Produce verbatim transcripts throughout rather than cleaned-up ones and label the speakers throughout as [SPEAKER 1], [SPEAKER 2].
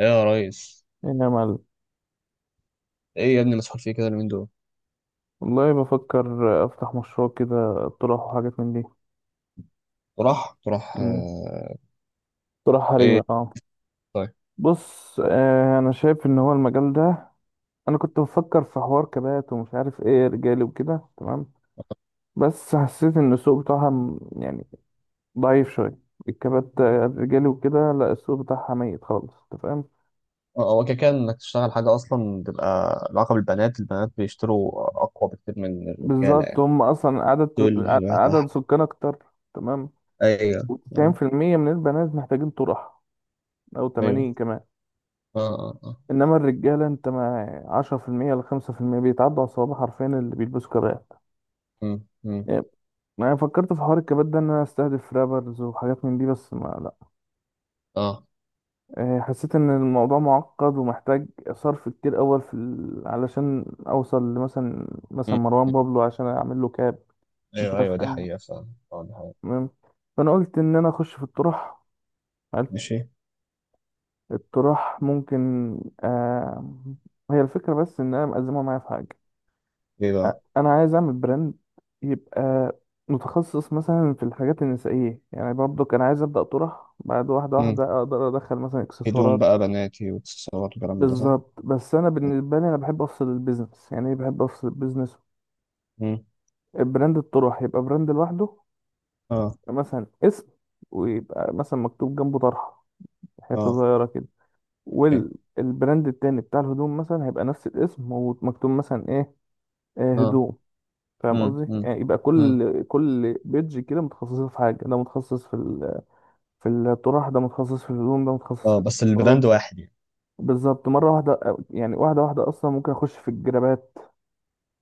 [SPEAKER 1] ايه يا ريس؟
[SPEAKER 2] ايه يا معلم.
[SPEAKER 1] ايه يا ابني، مسحول فيه كده اليومين دول.
[SPEAKER 2] والله، بفكر افتح مشروع كده، اقتراح وحاجات من دي.
[SPEAKER 1] تروح تروح
[SPEAKER 2] مم.
[SPEAKER 1] آه،
[SPEAKER 2] اقتراح حريمي،
[SPEAKER 1] ايه؟
[SPEAKER 2] اه.
[SPEAKER 1] طيب.
[SPEAKER 2] بص، آه انا شايف ان هو المجال ده. انا كنت بفكر في حوار كبات ومش عارف ايه، رجالي وكده، تمام. بس حسيت ان السوق بتاعها م- يعني ضعيف شويه. الكبات، آه، الرجالي وكده، لا السوق بتاعها ميت خالص، انت فاهم.
[SPEAKER 1] اه، هو كده كده انك تشتغل حاجه اصلا تبقى علاقه بالبنات. البنات بيشتروا اقوى بكتير من الرجاله
[SPEAKER 2] بالظبط،
[SPEAKER 1] يعني.
[SPEAKER 2] هم اصلا عدد. ع-
[SPEAKER 1] دول
[SPEAKER 2] عدد
[SPEAKER 1] تحت.
[SPEAKER 2] سكان اكتر. تمام.
[SPEAKER 1] ايوه. اه.
[SPEAKER 2] و90% من البنات محتاجين طرح، او
[SPEAKER 1] ايوه.
[SPEAKER 2] ثمانين كمان.
[SPEAKER 1] اه. اه. اه.
[SPEAKER 2] انما الرجاله، انت ما عشرة في المية ل خمسة في المية بيتعدوا على الصوابع، حرفيا اللي بيلبسوا كبات.
[SPEAKER 1] امم. امم.
[SPEAKER 2] يعني، انا فكرت في حوار الكبات ده ان انا استهدف رابرز وحاجات من دي، بس ما، لا.
[SPEAKER 1] اه.
[SPEAKER 2] إيه، حسيت ان الموضوع معقد ومحتاج صرف كتير اول في ال... علشان اوصل لمثلا مثلا
[SPEAKER 1] امم.
[SPEAKER 2] مروان بابلو عشان اعمل له كاب. مش
[SPEAKER 1] ايوه، ايوه،
[SPEAKER 2] عارف
[SPEAKER 1] دي
[SPEAKER 2] ايه.
[SPEAKER 1] حقيقه فعلا، اه دي حقيقه.
[SPEAKER 2] المهم، فانا قلت ان انا اخش في الطرح. حلو.
[SPEAKER 1] ماشي.
[SPEAKER 2] الطرح ممكن. آه... هي الفكره، بس ان انا مقزمها معايا في حاجه.
[SPEAKER 1] ايه
[SPEAKER 2] أ-
[SPEAKER 1] بقى؟
[SPEAKER 2] انا عايز اعمل براند يبقى متخصص مثلا في الحاجات النسائيه، يعني برضو كان عايز ابدا طرح، بعد واحده
[SPEAKER 1] امم.
[SPEAKER 2] واحده اقدر ادخل مثلا
[SPEAKER 1] هدوم
[SPEAKER 2] اكسسوارات.
[SPEAKER 1] بقى بناتي واكسسوارات وكلام من ده، صح؟
[SPEAKER 2] بالظبط، بس انا بالنسبه لي انا بحب افصل البيزنس. يعني إيه بحب افصل البيزنس؟
[SPEAKER 1] امم.
[SPEAKER 2] براند الطرح يبقى براند لوحده،
[SPEAKER 1] اه.
[SPEAKER 2] مثلا اسم، ويبقى مثلا مكتوب جنبه طرحه، حته
[SPEAKER 1] اه.
[SPEAKER 2] صغيره كده.
[SPEAKER 1] ايه.
[SPEAKER 2] والبراند التاني بتاع الهدوم مثلا هيبقى نفس الاسم، ومكتوب مثلا ايه، آه،
[SPEAKER 1] اه.
[SPEAKER 2] هدوم. فاهم
[SPEAKER 1] امم.
[SPEAKER 2] قصدي؟
[SPEAKER 1] امم.
[SPEAKER 2] يعني يبقى
[SPEAKER 1] امم.
[SPEAKER 2] كل كل بيدج كده متخصصه في حاجه، ده متخصص في ال... في الطرح، ده متخصص في الهدوم، ده متخصص في
[SPEAKER 1] اه، بس البراند
[SPEAKER 2] الاكسسوارات.
[SPEAKER 1] واحد يعني؟
[SPEAKER 2] بالظبط، مره واحده. يعني واحده واحده اصلا ممكن اخش في الجرابات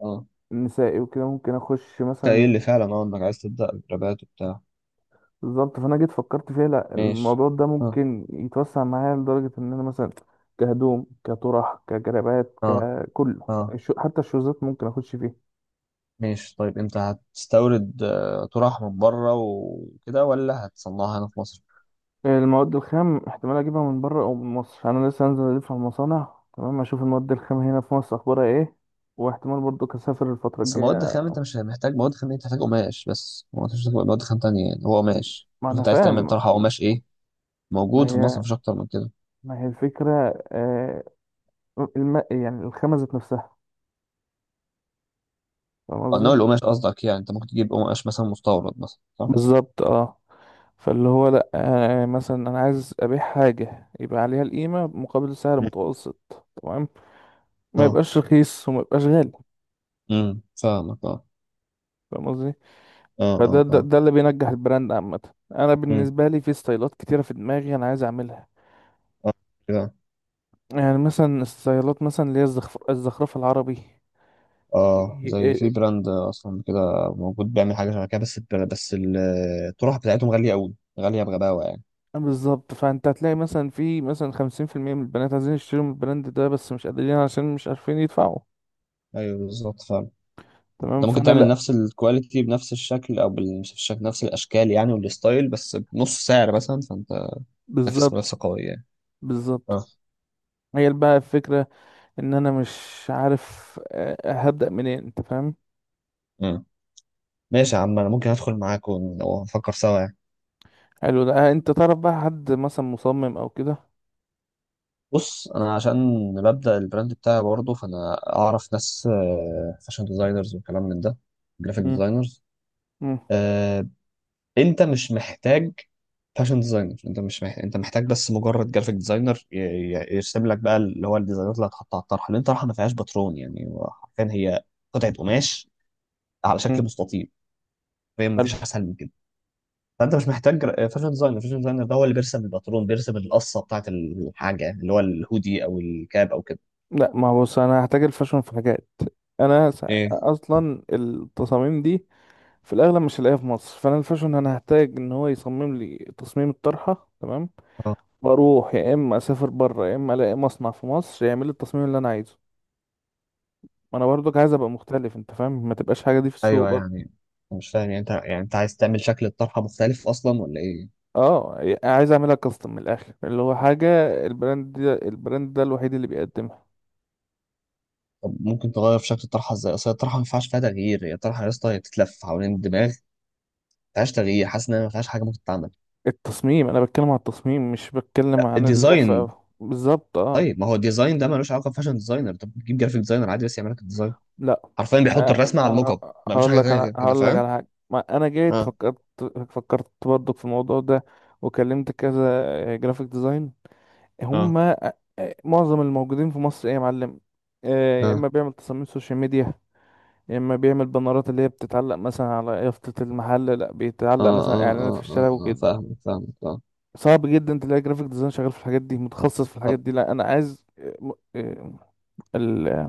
[SPEAKER 1] اه.
[SPEAKER 2] النسائي، وكده ممكن اخش
[SPEAKER 1] انت ايه اللي
[SPEAKER 2] مثلا.
[SPEAKER 1] فعلا، اه انك عايز تبدأ الربات وبتاع.
[SPEAKER 2] بالظبط، فانا جيت فكرت فيها، لا
[SPEAKER 1] ماشي.
[SPEAKER 2] الموضوع ده
[SPEAKER 1] اه.
[SPEAKER 2] ممكن يتوسع معايا لدرجه ان انا مثلا كهدوم كطرح كجرابات
[SPEAKER 1] اه.
[SPEAKER 2] ككله،
[SPEAKER 1] اه.
[SPEAKER 2] الشو- حتى الشوزات ممكن اخش فيه.
[SPEAKER 1] ماشي، طيب انت هتستورد آه، طرح من بره وكده ولا هتصنعها هنا في مصر؟
[SPEAKER 2] المواد الخام احتمال اجيبها من بره او من مصر، انا لسه هنزل الف على المصانع، تمام، اشوف المواد الخام هنا في مصر اخبارها ايه، واحتمال برضو اسافر الفتره
[SPEAKER 1] بس مواد
[SPEAKER 2] الجايه.
[SPEAKER 1] خام، انت مش محتاج مواد خام، انت محتاج قماش بس. هو مفيش مواد خام تانية يعني، هو قماش.
[SPEAKER 2] ما
[SPEAKER 1] شوف
[SPEAKER 2] انا
[SPEAKER 1] انت عايز تعمل
[SPEAKER 2] فاهم.
[SPEAKER 1] طرحة قماش ايه
[SPEAKER 2] ما
[SPEAKER 1] موجود في مصر،
[SPEAKER 2] هي
[SPEAKER 1] مفيش اكتر من كده.
[SPEAKER 2] ما هي الفكره. آه الم... يعني الخامه ذات نفسها. فاهم
[SPEAKER 1] اه، نوع
[SPEAKER 2] قصدي؟
[SPEAKER 1] القماش قصدك يعني. انت ممكن تجيب قماش مثلا مستورد مثلا، صح؟
[SPEAKER 2] بالظبط، اه. فاللي هو لا، آه مثلا انا عايز ابيع حاجه يبقى عليها القيمه مقابل سعر
[SPEAKER 1] مم.
[SPEAKER 2] متوسط، تمام. ما
[SPEAKER 1] اه،
[SPEAKER 2] يبقاش رخيص وما يبقاش غالي.
[SPEAKER 1] امم، فاهمك اه.
[SPEAKER 2] فاهم قصدي؟
[SPEAKER 1] اه،
[SPEAKER 2] فده
[SPEAKER 1] اه،
[SPEAKER 2] ده,
[SPEAKER 1] اه.
[SPEAKER 2] ده اللي بينجح البراند عامة. أنا
[SPEAKER 1] امم.
[SPEAKER 2] بالنسبة لي في ستايلات كتيرة في دماغي أنا عايز أعملها.
[SPEAKER 1] اه.
[SPEAKER 2] يعني مثلا ستايلات مثلا اللي هي الزخرف الزخرفة العربي.
[SPEAKER 1] اه،
[SPEAKER 2] إيه-
[SPEAKER 1] زي
[SPEAKER 2] إيه-
[SPEAKER 1] في براند اصلا كده موجود بيعمل حاجه شبه كده، بس بس الطرح بتاعتهم غاليه قوي. غاليه بغباوه يعني.
[SPEAKER 2] بالظبط، فأنت هتلاقي مثلا في مثلا خمسين في المية من البنات عايزين يشتروا من البراند ده، بس مش قادرين عشان مش عارفين يدفعوا.
[SPEAKER 1] ايوه، بالظبط فعلا.
[SPEAKER 2] تمام،
[SPEAKER 1] انت ممكن
[SPEAKER 2] فأنا
[SPEAKER 1] تعمل
[SPEAKER 2] لأ.
[SPEAKER 1] نفس الكواليتي بنفس الشكل، او بال- مش الشكل، نفس الاشكال يعني والستايل، بس بنص سعر مثلا. فانت نافس
[SPEAKER 2] بالظبط.
[SPEAKER 1] منافسه قويه يعني.
[SPEAKER 2] بالظبط
[SPEAKER 1] اه.
[SPEAKER 2] هي بقى الفكرة، إن أنا مش عارف آه، هبدأ منين. أنت فاهم؟
[SPEAKER 1] مم. ماشي يا عم، انا ممكن ادخل معاك ون- ونفكر سوا يعني.
[SPEAKER 2] حلو ده. آه، أنت تعرف بقى حد مثلا مصمم أو كده؟
[SPEAKER 1] بص، انا عشان ببدا البراند بتاعي برضه، فانا اعرف ناس فاشن ديزاينرز وكلام من ده، جرافيك
[SPEAKER 2] مم.
[SPEAKER 1] ديزاينرز.
[SPEAKER 2] مم.
[SPEAKER 1] انت مش محتاج فاشن ديزاينر، انت مش محتاج، انت محتاج بس مجرد جرافيك ديزاينر ي- ي- يرسم لك بقى اللي هو الديزاينات اللي هتحطها على الطرحه، لان الطرحه ما فيهاش باترون يعني. هو حرفيا هي قطعه قماش على شكل مستطيل، فهي ما
[SPEAKER 2] مم.
[SPEAKER 1] فيش اسهل من كده. فانت مش محتاج جرا- فاشن ديزاينر. فاشن ديزاينر ده هو اللي بيرسم الباترون، بيرسم القصه بتاعت الحاجه يعني، اللي هو الهودي او الكاب او كده.
[SPEAKER 2] لا، ما بص، انا هحتاج الفاشن في حاجات. انا س-
[SPEAKER 1] ايه.
[SPEAKER 2] اصلا التصاميم دي في الاغلب مش هلاقيها في مصر، فانا الفاشن انا هحتاج ان هو يصمم لي تصميم الطرحه، تمام،
[SPEAKER 1] اه.
[SPEAKER 2] واروح يا اما اسافر بره يا اما الاقي مصنع في مصر يعمل لي التصميم اللي انا عايزه. ما انا برضك عايز ابقى مختلف، انت فاهم، ما تبقاش حاجه دي في السوق
[SPEAKER 1] ايوه
[SPEAKER 2] برضه.
[SPEAKER 1] يعني، مش فاهم يعني. انت يعني انت عايز تعمل شكل الطرحه مختلف اصلا ولا ايه؟
[SPEAKER 2] اه، عايز اعملها كاستم من الاخر، اللي هو حاجه البراند ده، البراند ده الوحيد اللي بيقدمها.
[SPEAKER 1] طب ممكن تغير في شكل الطرحه ازاي؟ اصل الطرحه ما ينفعش فيها تغيير، هي الطرحه يا اسطى هي بتتلف حوالين الدماغ، ما فيهاش تغيير. حاسس ان هي ما فيهاش حاجه ممكن تتعمل.
[SPEAKER 2] التصميم، انا بتكلم عن التصميم مش بتكلم عن
[SPEAKER 1] الديزاين؟
[SPEAKER 2] اللفه، بالظبط اه.
[SPEAKER 1] طيب ما هو الديزاين ده ملوش علاقه بفاشن ديزاينر، طب تجيب جرافيك ديزاينر عادي بس يعمل لك الديزاين،
[SPEAKER 2] لا،
[SPEAKER 1] حرفيا بيحط
[SPEAKER 2] آه،
[SPEAKER 1] الرسمه على الموك اب.
[SPEAKER 2] آه،
[SPEAKER 1] ما مش
[SPEAKER 2] هقول
[SPEAKER 1] حاجه
[SPEAKER 2] لك،
[SPEAKER 1] تانيه
[SPEAKER 2] انا
[SPEAKER 1] غير كده،
[SPEAKER 2] هقول لك
[SPEAKER 1] فاهم.
[SPEAKER 2] على حاجه. ما انا جيت
[SPEAKER 1] اه.
[SPEAKER 2] فكرت، فكرت برضك في الموضوع ده، وكلمت كذا جرافيك ديزاين. هم
[SPEAKER 1] اه.
[SPEAKER 2] آه، آه، معظم الموجودين في مصر ايه يا معلم، آه، يا
[SPEAKER 1] اه.
[SPEAKER 2] اما بيعمل تصاميم سوشيال ميديا، يا اما بيعمل بانرات اللي هي بتتعلق مثلا على يافطة المحل، لا بيتعلق
[SPEAKER 1] اه.
[SPEAKER 2] مثلا
[SPEAKER 1] اه.
[SPEAKER 2] اعلانات في
[SPEAKER 1] اه.
[SPEAKER 2] الشارع
[SPEAKER 1] اه. اه،
[SPEAKER 2] وكده.
[SPEAKER 1] فاهمك، فاهمك، اه.
[SPEAKER 2] صعب جدا تلاقي جرافيك ديزاين شغال في الحاجات دي، متخصص في الحاجات
[SPEAKER 1] طب،
[SPEAKER 2] دي. لا انا عايز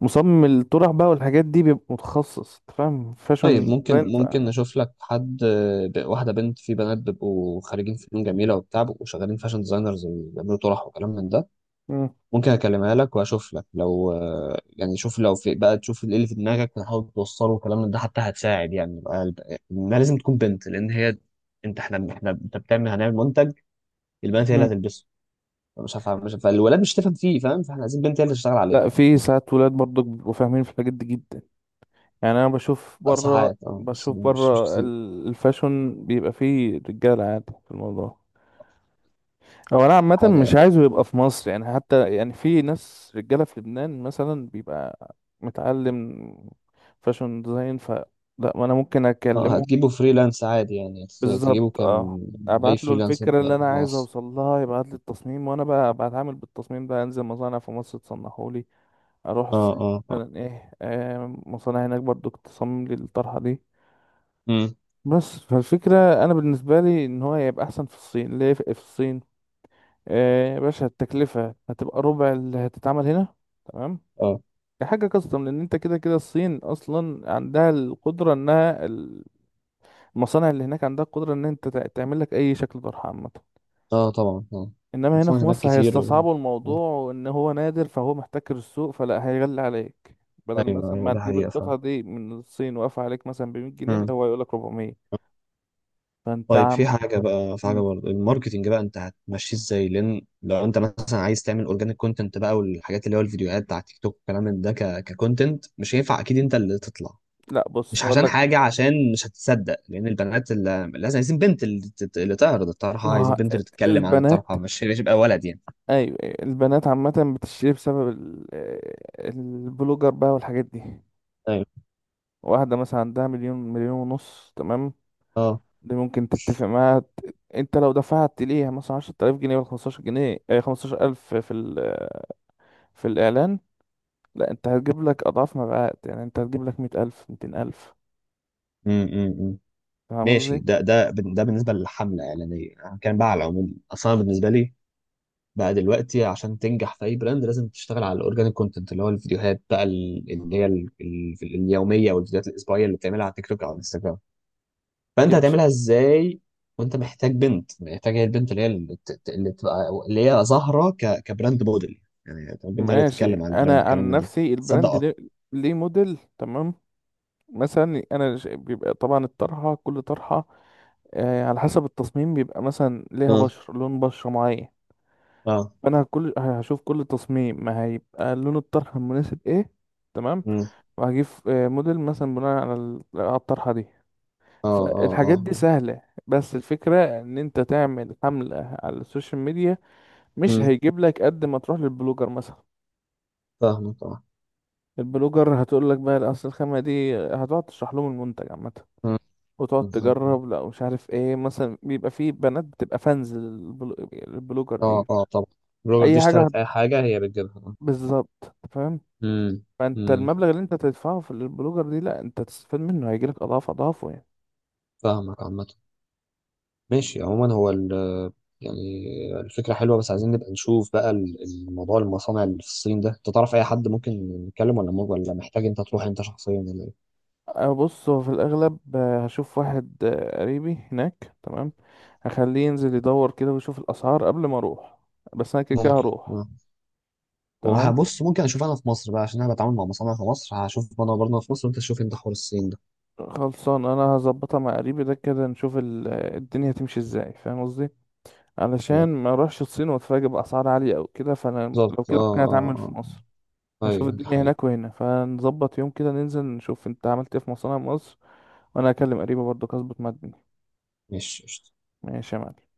[SPEAKER 2] مصمم الطرح بقى، والحاجات دي بيبقى متخصص انت فاهم،
[SPEAKER 1] طيب
[SPEAKER 2] فاشن
[SPEAKER 1] ممكن
[SPEAKER 2] ديزاين ف...
[SPEAKER 1] ممكن نشوف لك حد، آه، ب- واحده بنت. في بنات بيبقوا خارجين فنون جميله وبتاع، بيبقوا شغالين فاشن ديزاينرز وبيعملوا طرح وكلام من ده.
[SPEAKER 2] مم.
[SPEAKER 1] ممكن اكلمها لك واشوف لك لو آه، يعني، شوف لو في بقى، تشوف ايه اللي في دماغك وتحاول توصله والكلام من ده حتى هتساعد يعني، بقى بقى- انها لازم تكون بنت لان هي. انت احنا احنا انت بتعمل، هنعمل منتج، البنات هي اللي
[SPEAKER 2] مم.
[SPEAKER 1] هتلبسه. مش هفهم مش هفهم الولاد، مش هتفهم فيه، فاهم؟ فاحنا عايزين بنت هي اللي تشتغل
[SPEAKER 2] لا،
[SPEAKER 1] عليه.
[SPEAKER 2] في ساعات ولاد برضو بيبقوا فاهمين في الحاجات دي جدا. يعني انا بشوف
[SPEAKER 1] آه،
[SPEAKER 2] بره،
[SPEAKER 1] ساعات اه، بس
[SPEAKER 2] بشوف
[SPEAKER 1] مش مش
[SPEAKER 2] بره
[SPEAKER 1] كتير.
[SPEAKER 2] ال- الفاشن بيبقى فيه رجاله عادي في الموضوع. هو انا عامه
[SPEAKER 1] حاجه
[SPEAKER 2] مش
[SPEAKER 1] يعني.
[SPEAKER 2] عايزه يبقى في مصر، يعني حتى يعني في ناس رجاله في لبنان مثلا بيبقى متعلم فاشن ديزاين ف لا، ما انا ممكن
[SPEAKER 1] اه،
[SPEAKER 2] اكلمه.
[SPEAKER 1] هتجيبه فريلانس عادي يعني، هت- تجيبه
[SPEAKER 2] بالظبط،
[SPEAKER 1] كم؟
[SPEAKER 2] اه.
[SPEAKER 1] اي
[SPEAKER 2] ابعت له
[SPEAKER 1] فريلانس
[SPEAKER 2] الفكره اللي انا عايز
[SPEAKER 1] مصر.
[SPEAKER 2] اوصل لها، يبعت لي التصميم، وانا بقى بتعامل بالتصميم ده، انزل مصانع في مصر تصنعه لي. اروح
[SPEAKER 1] اه.
[SPEAKER 2] الصين
[SPEAKER 1] اه. اه.
[SPEAKER 2] مثلا ايه، آه مصانع هناك برضو تصمم لي الطرحه دي.
[SPEAKER 1] مم.
[SPEAKER 2] بس فالفكره، انا بالنسبه لي ان هو هيبقى احسن في الصين. ليه في في الصين؟ آه يا باشا، التكلفه هتبقى ربع اللي هتتعمل هنا. تمام،
[SPEAKER 1] اه.
[SPEAKER 2] كحاجه كاستم، لان انت كده كده الصين اصلا عندها القدره انها، المصانع اللي هناك عندها القدره ان انت تع- تعمل لك اي شكل طرحه عامه.
[SPEAKER 1] اه، طبعا. اه،
[SPEAKER 2] انما هنا
[SPEAKER 1] بس
[SPEAKER 2] في
[SPEAKER 1] هناك
[SPEAKER 2] مصر
[SPEAKER 1] كتير و...
[SPEAKER 2] هيستصعبوا
[SPEAKER 1] آه.
[SPEAKER 2] الموضوع، وان هو نادر فهو محتكر السوق، فلا، هيغلي عليك. بدل
[SPEAKER 1] ايوه،
[SPEAKER 2] مثلا
[SPEAKER 1] ايوه
[SPEAKER 2] ما
[SPEAKER 1] ده
[SPEAKER 2] تجيب
[SPEAKER 1] حقيقة فعلا.
[SPEAKER 2] القطعة دي من الصين واقفة عليك مثلا ب مية جنيه، لا،
[SPEAKER 1] مم.
[SPEAKER 2] هو يقولك اربعمية. فانت
[SPEAKER 1] طيب
[SPEAKER 2] عم.
[SPEAKER 1] في حاجة بقى، في حاجة
[SPEAKER 2] مم.
[SPEAKER 1] برضه، الماركتينج بقى انت هتمشيه ازاي؟ لان لو انت مثلا عايز تعمل اورجانيك كونتنت بقى والحاجات، اللي هو الفيديوهات بتاع تيك توك والكلام من ده، ك- ككونتنت مش هينفع اكيد انت اللي تطلع،
[SPEAKER 2] لا،
[SPEAKER 1] مش
[SPEAKER 2] بص
[SPEAKER 1] عشان
[SPEAKER 2] هقولك،
[SPEAKER 1] حاجة، عشان مش هتصدق. لان البنات اللي لازم، عايزين بنت اللي تت- اللي تعرض الطرحة، عايزين
[SPEAKER 2] ما
[SPEAKER 1] بنت اللي تتكلم عن
[SPEAKER 2] البنات،
[SPEAKER 1] الطرحة، مش مش يبقى ولد يعني.
[SPEAKER 2] ايوه أيوة، البنات عامة بتشتري بسبب ال- آه، البلوجر بقى والحاجات دي.
[SPEAKER 1] ايوه.
[SPEAKER 2] واحدة مثلا عندها مليون، مليون ونص، تمام.
[SPEAKER 1] اه.
[SPEAKER 2] دي ممكن تتفق معاها. ت- انت لو دفعت ليها مثلا عشرة الاف جنيه ولا خمسة عشر جنيه، آه، خمستاشر الف في ال في الإعلان، لا، أنت هتجيب لك أضعاف ما بقى، يعني أنت هتجيب لك مية ألف، ميتين ألف.
[SPEAKER 1] امم. أمم.
[SPEAKER 2] فاهم
[SPEAKER 1] ماشي،
[SPEAKER 2] قصدي؟
[SPEAKER 1] ده ده ده بالنسبة للحملة الإعلانية، أنا هتكلم بقى على العموم أصلا. بالنسبة لي بقى دلوقتي عشان تنجح في اي براند، لازم تشتغل على الاورجانيك كونتنت، اللي هو الفيديوهات بقى ال- اللي هي ال- ال- اليوميه والفيديوهات الاسبوعيه اللي بتعملها على تيك توك او على انستجرام. فانت
[SPEAKER 2] يا باشا،
[SPEAKER 1] هتعملها ازاي؟ وانت محتاج بنت، محتاج هي البنت اللي هي اللي ت- اللي تبقى اللي هي ظاهره ك... كبراند موديل يعني، البنت هي اللي
[SPEAKER 2] ماشي.
[SPEAKER 1] تتكلم عن البراند
[SPEAKER 2] أنا
[SPEAKER 1] والكلام
[SPEAKER 2] عن
[SPEAKER 1] من ده،
[SPEAKER 2] نفسي
[SPEAKER 1] تصدق
[SPEAKER 2] البراند
[SPEAKER 1] اكتر.
[SPEAKER 2] ليه ليه موديل؟ تمام. مثلا أنا ش- بيبقى طبعا الطرحة، كل طرحة آه على حسب التصميم بيبقى مثلا ليها
[SPEAKER 1] اه.
[SPEAKER 2] بشرة، لون بشرة معين.
[SPEAKER 1] اه.
[SPEAKER 2] فأنا كل هشوف كل تصميم ما هيبقى لون الطرحة المناسب إيه. تمام.
[SPEAKER 1] مم.
[SPEAKER 2] وهجيب آه، موديل مثلا بناء على ال- على الطرحة دي.
[SPEAKER 1] اه. اه.
[SPEAKER 2] فالحاجات
[SPEAKER 1] اه.
[SPEAKER 2] دي
[SPEAKER 1] اه.
[SPEAKER 2] سهلة. بس الفكرة ان انت تعمل حملة على السوشيال ميديا، مش
[SPEAKER 1] مم.
[SPEAKER 2] هيجيب لك قد ما تروح للبلوجر مثلا.
[SPEAKER 1] فاهمك اه.
[SPEAKER 2] البلوجر هتقول لك بقى اصل الخامة دي، هتقعد تشرح لهم المنتج عامة
[SPEAKER 1] مم.
[SPEAKER 2] وتقعد
[SPEAKER 1] مم. مم.
[SPEAKER 2] تجرب، لا مش عارف ايه، مثلا بيبقى في بنات بتبقى فانز للبلو- للبلوجر
[SPEAKER 1] اه،
[SPEAKER 2] دي.
[SPEAKER 1] اه طبعا. بلوجر دي
[SPEAKER 2] اي حاجة هت-
[SPEAKER 1] اشترت اي حاجه هي بتجيبها.
[SPEAKER 2] بالظبط. أنت فاهم؟
[SPEAKER 1] امم.
[SPEAKER 2] فانت
[SPEAKER 1] امم.
[SPEAKER 2] المبلغ اللي انت تدفعه في البلوجر دي، لا، انت تستفاد منه، هيجيلك اضعاف اضعافه يعني.
[SPEAKER 1] فاهمك عامه. ماشي عموما، هو ال- يعني الفكرة حلوة، بس عايزين نبقى نشوف بقى ال- الموضوع، المصانع اللي في الصين ده انت تعرف اي حد ممكن نتكلم، ولا ممكن، ولا محتاج انت تروح انت شخصيا ولا ايه؟
[SPEAKER 2] أه، بص، هو في الأغلب آه، هشوف واحد آه، قريبي هناك، تمام، هخليه ينزل يدور كده ويشوف الأسعار قبل ما أروح، بس أنا كده كده
[SPEAKER 1] ممكن.
[SPEAKER 2] هروح.
[SPEAKER 1] آه.
[SPEAKER 2] تمام،
[SPEAKER 1] وهبص، ممكن اشوف انا في مصر بقى عشان انا بتعامل مع مصانع في مصر، هشوف انا برضه في مصر وانت تشوف انت حوار الصين ده.
[SPEAKER 2] خلصان. أنا هظبطها مع قريبي ده كده، نشوف ال- آه، الدنيا تمشي ازاي، فاهم قصدي، علشان
[SPEAKER 1] تمام.
[SPEAKER 2] ما أروحش الصين وأتفاجئ بأسعار عالية أو كده، فأنا لو
[SPEAKER 1] بالظبط
[SPEAKER 2] كده ممكن
[SPEAKER 1] اه.
[SPEAKER 2] أتعامل في
[SPEAKER 1] اه.
[SPEAKER 2] مصر.
[SPEAKER 1] اه،
[SPEAKER 2] نشوف
[SPEAKER 1] ايوه دي
[SPEAKER 2] الدنيا
[SPEAKER 1] حقيقة.
[SPEAKER 2] هناك وهنا، فنظبط يوم كده ننزل نشوف أنت عملت إيه في مصانع مصر، وأنا هكلم قريبي برضه أظبط مع الدنيا.
[SPEAKER 1] ماشي، قشطة.
[SPEAKER 2] ماشي يا معلم.